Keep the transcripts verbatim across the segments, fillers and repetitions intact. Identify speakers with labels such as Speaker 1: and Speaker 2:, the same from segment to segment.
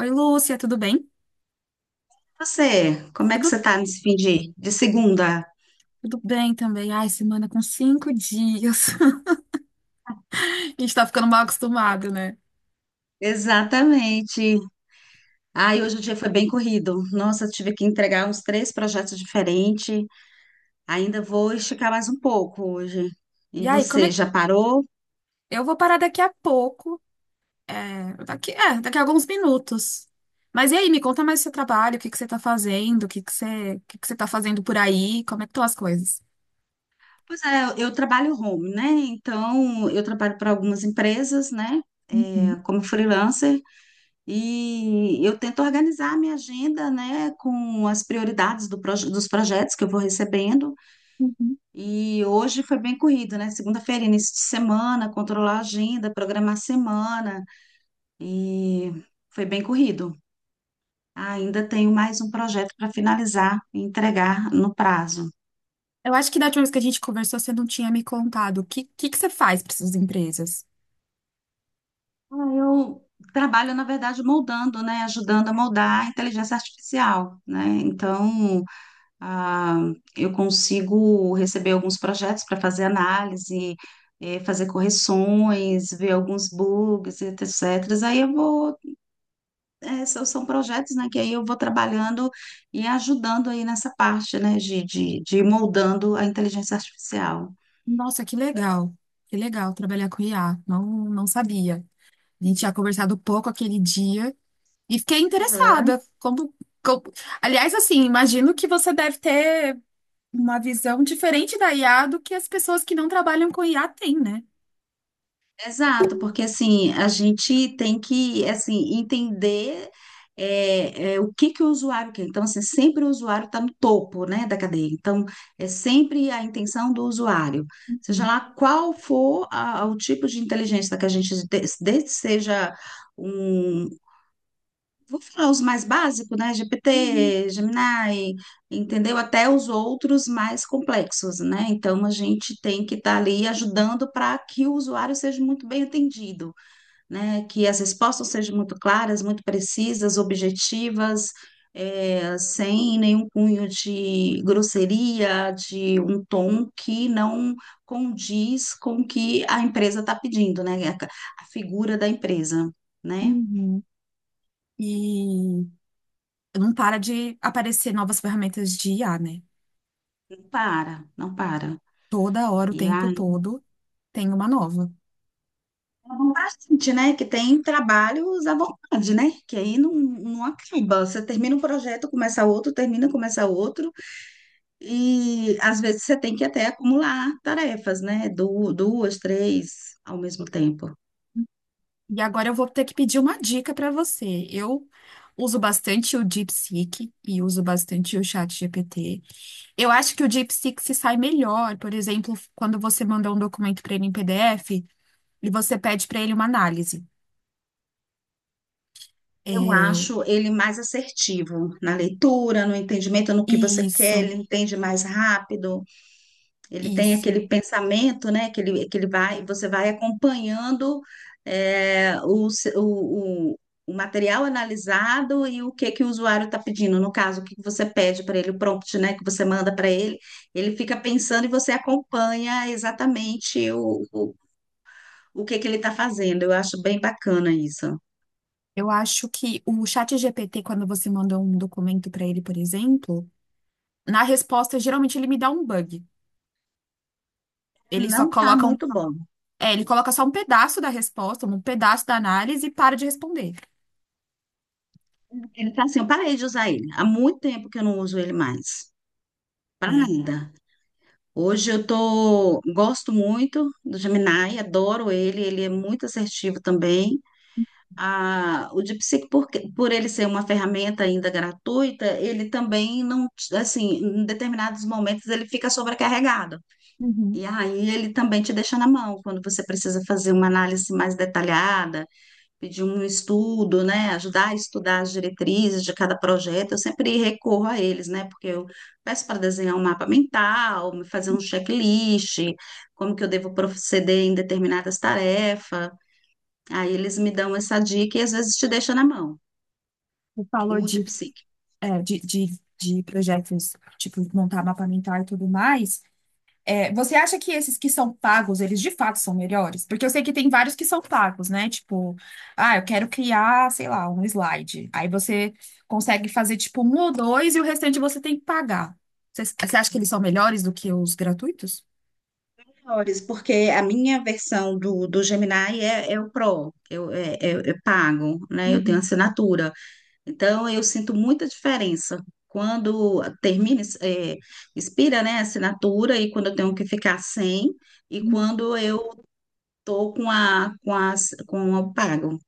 Speaker 1: Oi, Lúcia, tudo bem?
Speaker 2: Você, como é que
Speaker 1: Tudo,
Speaker 2: você tá nesse fim de, de segunda?
Speaker 1: tudo bem também. Ai, semana com cinco dias. A gente tá ficando mal acostumado, né?
Speaker 2: Exatamente. Ai, hoje o dia foi bem corrido. Nossa, eu tive que entregar uns três projetos diferentes. Ainda vou esticar mais um pouco hoje. E
Speaker 1: E aí, como
Speaker 2: você,
Speaker 1: é...
Speaker 2: já parou?
Speaker 1: Eu vou parar daqui a pouco. É, daqui, é, daqui a alguns minutos. Mas e aí, me conta mais do seu trabalho, o que que você tá fazendo, o que que você, o que que você tá fazendo por aí, como é que estão as coisas?
Speaker 2: Pois é, eu eu trabalho home, né? Então, eu trabalho para algumas empresas, né?
Speaker 1: Uhum,
Speaker 2: É, como freelancer. E eu tento organizar a minha agenda, né? Com as prioridades do proje- dos projetos que eu vou recebendo.
Speaker 1: uhum.
Speaker 2: E hoje foi bem corrido, né? Segunda-feira, início de semana, controlar a agenda, programar a semana. E foi bem corrido. Ainda tenho mais um projeto para finalizar e entregar no prazo.
Speaker 1: Eu acho que da última vez que a gente conversou, você não tinha me contado. O que, que que você faz para essas empresas?
Speaker 2: Ah, eu trabalho, na verdade, moldando, né? Ajudando a moldar a inteligência artificial, né? Então, ah, eu consigo receber alguns projetos para fazer análise, eh, fazer correções, ver alguns bugs, etcétera. Aí eu vou é, são, São projetos, né, que aí eu vou trabalhando e ajudando aí nessa parte, né, de, de, de ir moldando a inteligência artificial.
Speaker 1: Nossa, que legal. Que legal trabalhar com I A. Não, não sabia. A gente tinha conversado pouco aquele dia e fiquei
Speaker 2: Uhum.
Speaker 1: interessada. Como, como- Aliás, assim, imagino que você deve ter uma visão diferente da I A do que as pessoas que não trabalham com I A têm, né?
Speaker 2: Exato, porque assim, a gente tem que, assim, entender é, é, o que que o usuário quer. Então, assim, sempre o usuário está no topo, né, da cadeia. Então, é sempre a intenção do usuário. Seja lá qual for a- o tipo de inteligência que a gente, de- desde que seja um, vou falar os mais básicos, né?
Speaker 1: Uhum,
Speaker 2: G P T, Gemini, entendeu? Até os outros mais complexos, né? Então, a gente tem que estar ali ajudando para que o usuário seja muito bem atendido, né? Que as respostas sejam muito claras, muito precisas, objetivas, eh, sem nenhum cunho de grosseria, de um tom que não condiz com o que a empresa está pedindo, né? A a figura da empresa, né?
Speaker 1: uhum. E não para de aparecer novas ferramentas de I A, né?
Speaker 2: Não para, não para.
Speaker 1: Toda hora, o
Speaker 2: E
Speaker 1: tempo
Speaker 2: aí,
Speaker 1: todo, tem uma nova.
Speaker 2: vamos pra frente, né? Que tem trabalhos à vontade, né? Que aí não, não acaba. Você termina um projeto, começa outro, termina, começa outro. E às vezes você tem que até acumular tarefas, né? Du- Duas, três ao mesmo tempo.
Speaker 1: E agora eu vou ter que pedir uma dica para você. Eu uso bastante o DeepSeek e uso bastante o ChatGPT. Eu acho que o DeepSeek se sai melhor, por exemplo, quando você manda um documento para ele em P D F e você pede para ele uma análise.
Speaker 2: Eu
Speaker 1: É,
Speaker 2: acho ele mais assertivo na leitura, no entendimento, no que você quer,
Speaker 1: isso,
Speaker 2: ele entende mais rápido. Ele tem
Speaker 1: isso.
Speaker 2: aquele pensamento, né? Que ele, que ele vai, você vai acompanhando é, o, se- o, o- o material analisado e o que que o usuário está pedindo. No caso, o que que você pede para ele, o prompt, né? Que você manda para ele. Ele fica pensando e você acompanha exatamente o, o, o que que ele está fazendo. Eu acho bem bacana isso.
Speaker 1: Eu acho que o chat ChatGPT, quando você manda um documento para ele, por exemplo, na resposta, geralmente ele me dá um bug. Ele só
Speaker 2: Não está
Speaker 1: coloca um,
Speaker 2: muito bom.
Speaker 1: é, ele coloca só um pedaço da resposta, um pedaço da análise e para de responder.
Speaker 2: Ele está assim, eu parei de usar ele. Há muito tempo que eu não uso ele mais. Para
Speaker 1: É.
Speaker 2: nada. Hoje eu tô, gosto muito do Gemini, adoro ele, ele é muito assertivo também. Ah, o DeepSeek, por, que- por ele ser uma ferramenta ainda gratuita, ele também não, te- assim, em determinados momentos ele fica sobrecarregado.
Speaker 1: Uhum.
Speaker 2: E aí ele também te deixa na mão quando você precisa fazer uma análise mais detalhada, pedir um estudo, né, ajudar a estudar as diretrizes de cada projeto. Eu sempre recorro a eles, né, porque eu peço para desenhar um mapa mental, fazer um checklist, como que eu devo proceder em determinadas tarefas. Aí eles me dão essa dica e às vezes te deixa na mão,
Speaker 1: Você falou
Speaker 2: o de
Speaker 1: de,
Speaker 2: psique.
Speaker 1: é, de, de, de projetos, tipo, montar mapa mental e tudo mais. É, você acha que esses que são pagos, eles de fato são melhores? Porque eu sei que tem vários que são pagos, né? Tipo, ah, eu quero criar, sei lá, um slide. Aí você consegue fazer tipo um ou dois e o restante você tem que pagar. Você, você acha que eles são melhores do que os gratuitos?
Speaker 2: Melhores. Porque a minha versão do, do Gemini é, é o Pro, eu, é, é- é pago, né? Eu tenho
Speaker 1: Uhum,
Speaker 2: assinatura. Então, eu sinto muita diferença quando termina, é, expira, né, a assinatura e quando eu tenho que ficar sem e
Speaker 1: uhum,
Speaker 2: quando eu tô com a, com a, com o pago.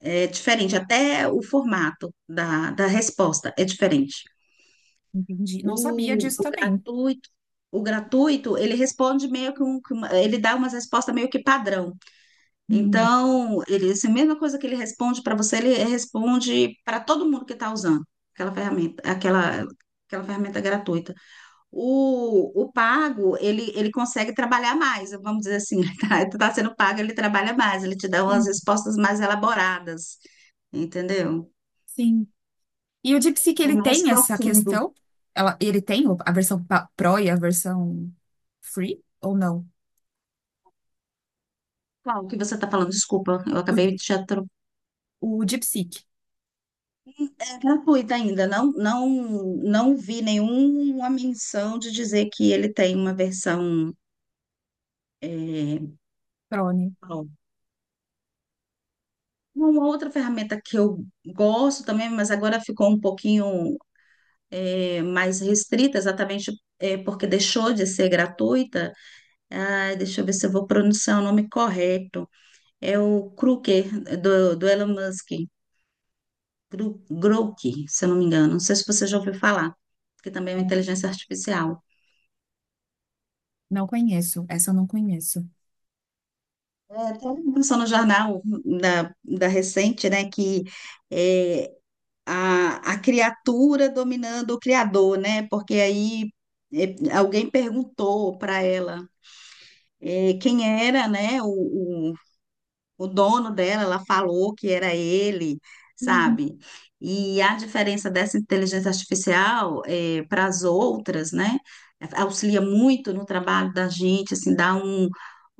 Speaker 2: É diferente, até o formato da, da resposta é diferente.
Speaker 1: entendi. Não sabia
Speaker 2: O,
Speaker 1: disso
Speaker 2: o
Speaker 1: também.
Speaker 2: gratuito, o gratuito, ele responde meio que um, que uma- ele dá umas respostas meio que padrão.
Speaker 1: Hum,
Speaker 2: Então, ele, essa mesma coisa que ele responde para você, ele responde para todo mundo que está usando aquela ferramenta, aquela, aquela ferramenta gratuita. O, o pago, ele, ele consegue trabalhar mais, vamos dizer assim, tá? Tu está sendo pago, ele trabalha mais, ele te dá umas
Speaker 1: sim,
Speaker 2: respostas mais elaboradas, entendeu?
Speaker 1: sim. E o DeepSeek,
Speaker 2: É
Speaker 1: ele
Speaker 2: mais
Speaker 1: tem essa
Speaker 2: profundo.
Speaker 1: questão? Ela, ele tem o- a versão pa- Pro e a versão Free ou não?
Speaker 2: Qual que você está falando? Desculpa, eu
Speaker 1: O,
Speaker 2: acabei de te atro-
Speaker 1: o DeepSeek
Speaker 2: É gratuita ainda, não, não, não vi nenhuma menção de dizer que ele tem uma versão. É,
Speaker 1: Pro, né?
Speaker 2: ó, uma outra ferramenta que eu gosto também, mas agora ficou um pouquinho, é, mais restrita, exatamente, é, porque deixou de ser gratuita. Ah, deixa eu ver se eu vou pronunciar o nome correto. É o Kruger, do, do Elon Musk, Gru- Grok, se eu não me engano. Não sei se você já ouviu falar, que também é uma inteligência artificial.
Speaker 1: Não conheço. Essa eu não conheço.
Speaker 2: É, tem uma informação no jornal da, da recente, né, que é, a, a criatura dominando o criador, né? Porque aí, é, alguém perguntou para ela, é, quem era, né, o, o dono dela, ela falou que era ele,
Speaker 1: Uhum.
Speaker 2: sabe? E a diferença dessa inteligência artificial, eh, para as outras, né? Auxilia muito no trabalho da gente, assim, dá um,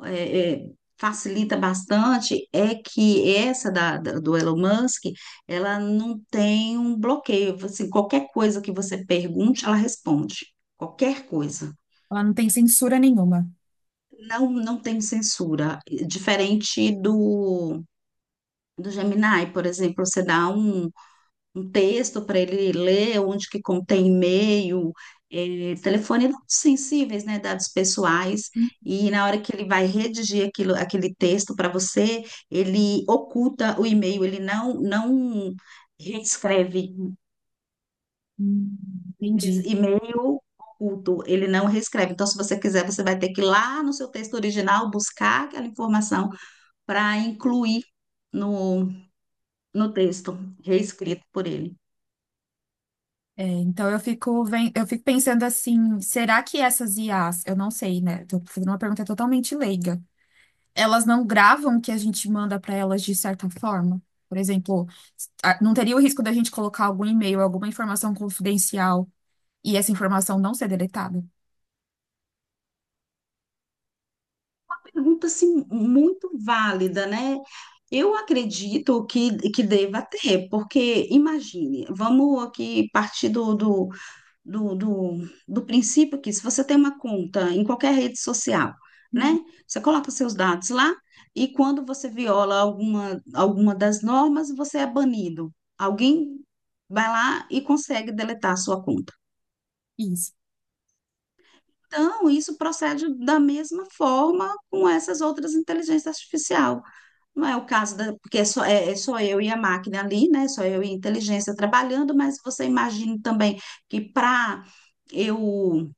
Speaker 2: é, é, facilita bastante. É que essa da, da- do Elon Musk, ela não tem um bloqueio. Assim, qualquer coisa que você pergunte, ela responde. Qualquer coisa.
Speaker 1: Ela não tem censura nenhuma.
Speaker 2: Não, não tem censura. Diferente do do Gemini, por exemplo, você dá um, um texto para ele ler, onde que contém e-mail, eh, telefone, dados sensíveis, né, dados pessoais, e na hora que ele vai redigir aquilo, aquele texto para você, ele oculta o e-mail, ele não, não reescreve.
Speaker 1: Hum. Entendi.
Speaker 2: E-mail oculto, ele não reescreve. Então, se você quiser, você vai ter que ir lá no seu texto original buscar aquela informação para incluir no, no texto reescrito por ele.
Speaker 1: É, então eu fico, ven- eu fico pensando assim, será que essas I as, eu não sei, né? Tô fazendo uma pergunta totalmente leiga. Elas não gravam o que a gente manda para elas de certa forma? Por exemplo, a- não teria o risco da gente colocar algum e-mail, alguma informação confidencial e essa informação não ser deletada?
Speaker 2: Pergunta assim, muito válida, né? Eu acredito que, que deva ter, porque imagine, vamos aqui partir do, do, do, do, do princípio que se você tem uma conta em qualquer rede social,
Speaker 1: Uhum.
Speaker 2: né? Você coloca seus dados lá e quando você viola alguma, alguma das normas, você é banido. Alguém vai lá e consegue deletar a sua conta.
Speaker 1: Isso.
Speaker 2: Então, isso procede da mesma forma com essas outras inteligências artificiais. Não é o caso da, porque é só, é, é só eu e a máquina ali, né? Só eu e a inteligência trabalhando, mas você imagina também que para eu,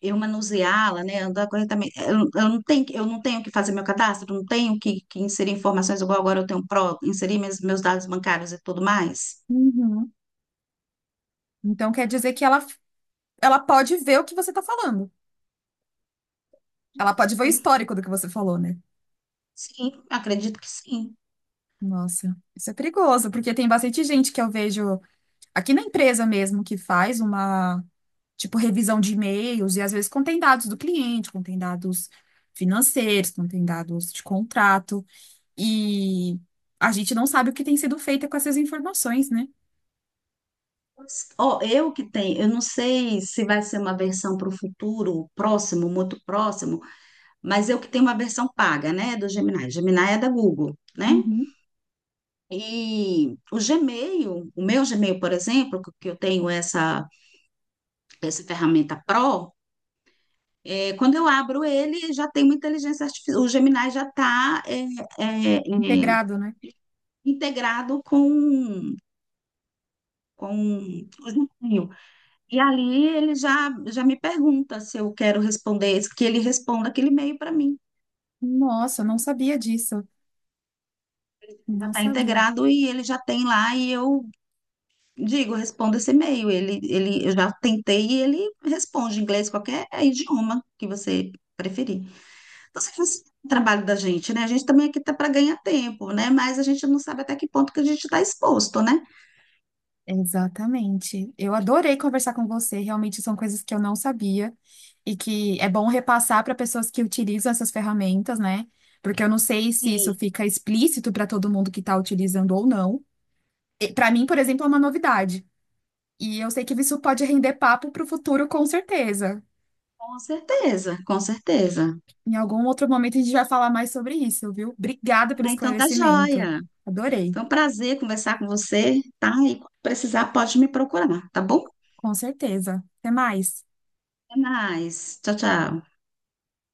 Speaker 2: eu manuseá-la, né, andar corretamente, eu, eu não tenho, que- eu não tenho que fazer meu cadastro, não tenho que, que inserir informações igual agora eu tenho pro, inserir meus, meus dados bancários e tudo mais.
Speaker 1: Uhum. Então quer dizer que ela, ela pode ver o que você está falando. Ela pode ver o
Speaker 2: Sim,
Speaker 1: histórico do que você falou, né?
Speaker 2: sim, acredito que sim.
Speaker 1: Nossa, isso é perigoso, porque tem bastante gente que eu vejo aqui na empresa mesmo que faz uma, tipo, revisão de e-mails e às vezes contém dados do cliente, contém dados financeiros, contém dados de contrato e a gente não sabe o que tem sido feito com essas informações, né?
Speaker 2: Mas, ó, eu que tenho, eu não sei se vai ser uma versão para o futuro próximo, muito próximo, mas eu que tenho uma versão paga, né, do Gemini. Gemini é da Google, né?
Speaker 1: Uhum.
Speaker 2: E o Gmail, o meu Gmail, por exemplo, que que eu tenho essa, essa ferramenta Pro, é, quando eu abro ele, já tem uma inteligência artificial. O Gemini já está
Speaker 1: Integrado, né?
Speaker 2: integrado com, com o Gmail. E ali ele já, já me pergunta se eu quero responder, que ele responda aquele e-mail para mim.
Speaker 1: Nossa, eu não sabia disso.
Speaker 2: Já
Speaker 1: Não
Speaker 2: está
Speaker 1: sabia.
Speaker 2: integrado e ele já tem lá e eu digo, responda esse e-mail. Ele, ele, eu já tentei e ele responde em inglês, qualquer é idioma que você preferir. Então, você faz o trabalho da gente, né? A gente também aqui tá para ganhar tempo, né? Mas a gente não sabe até que ponto que a gente está exposto, né?
Speaker 1: Exatamente. Eu adorei conversar com você. Realmente são coisas que eu não sabia e que é bom repassar para pessoas que utilizam essas ferramentas, né? Porque eu não sei se isso
Speaker 2: Sim.
Speaker 1: fica explícito para todo mundo que está utilizando ou não. Para mim, por exemplo, é uma novidade. E eu sei que isso pode render papo para o futuro, com certeza.
Speaker 2: Com certeza, com certeza.
Speaker 1: Em algum outro momento a gente vai falar mais sobre isso, viu? Obrigada pelo
Speaker 2: Ah, então tá
Speaker 1: esclarecimento.
Speaker 2: joia.
Speaker 1: Adorei.
Speaker 2: Foi um prazer conversar com você, tá? E quando precisar, pode me procurar, tá bom?
Speaker 1: Com certeza. Até mais.
Speaker 2: Até mais. Tchau, tchau.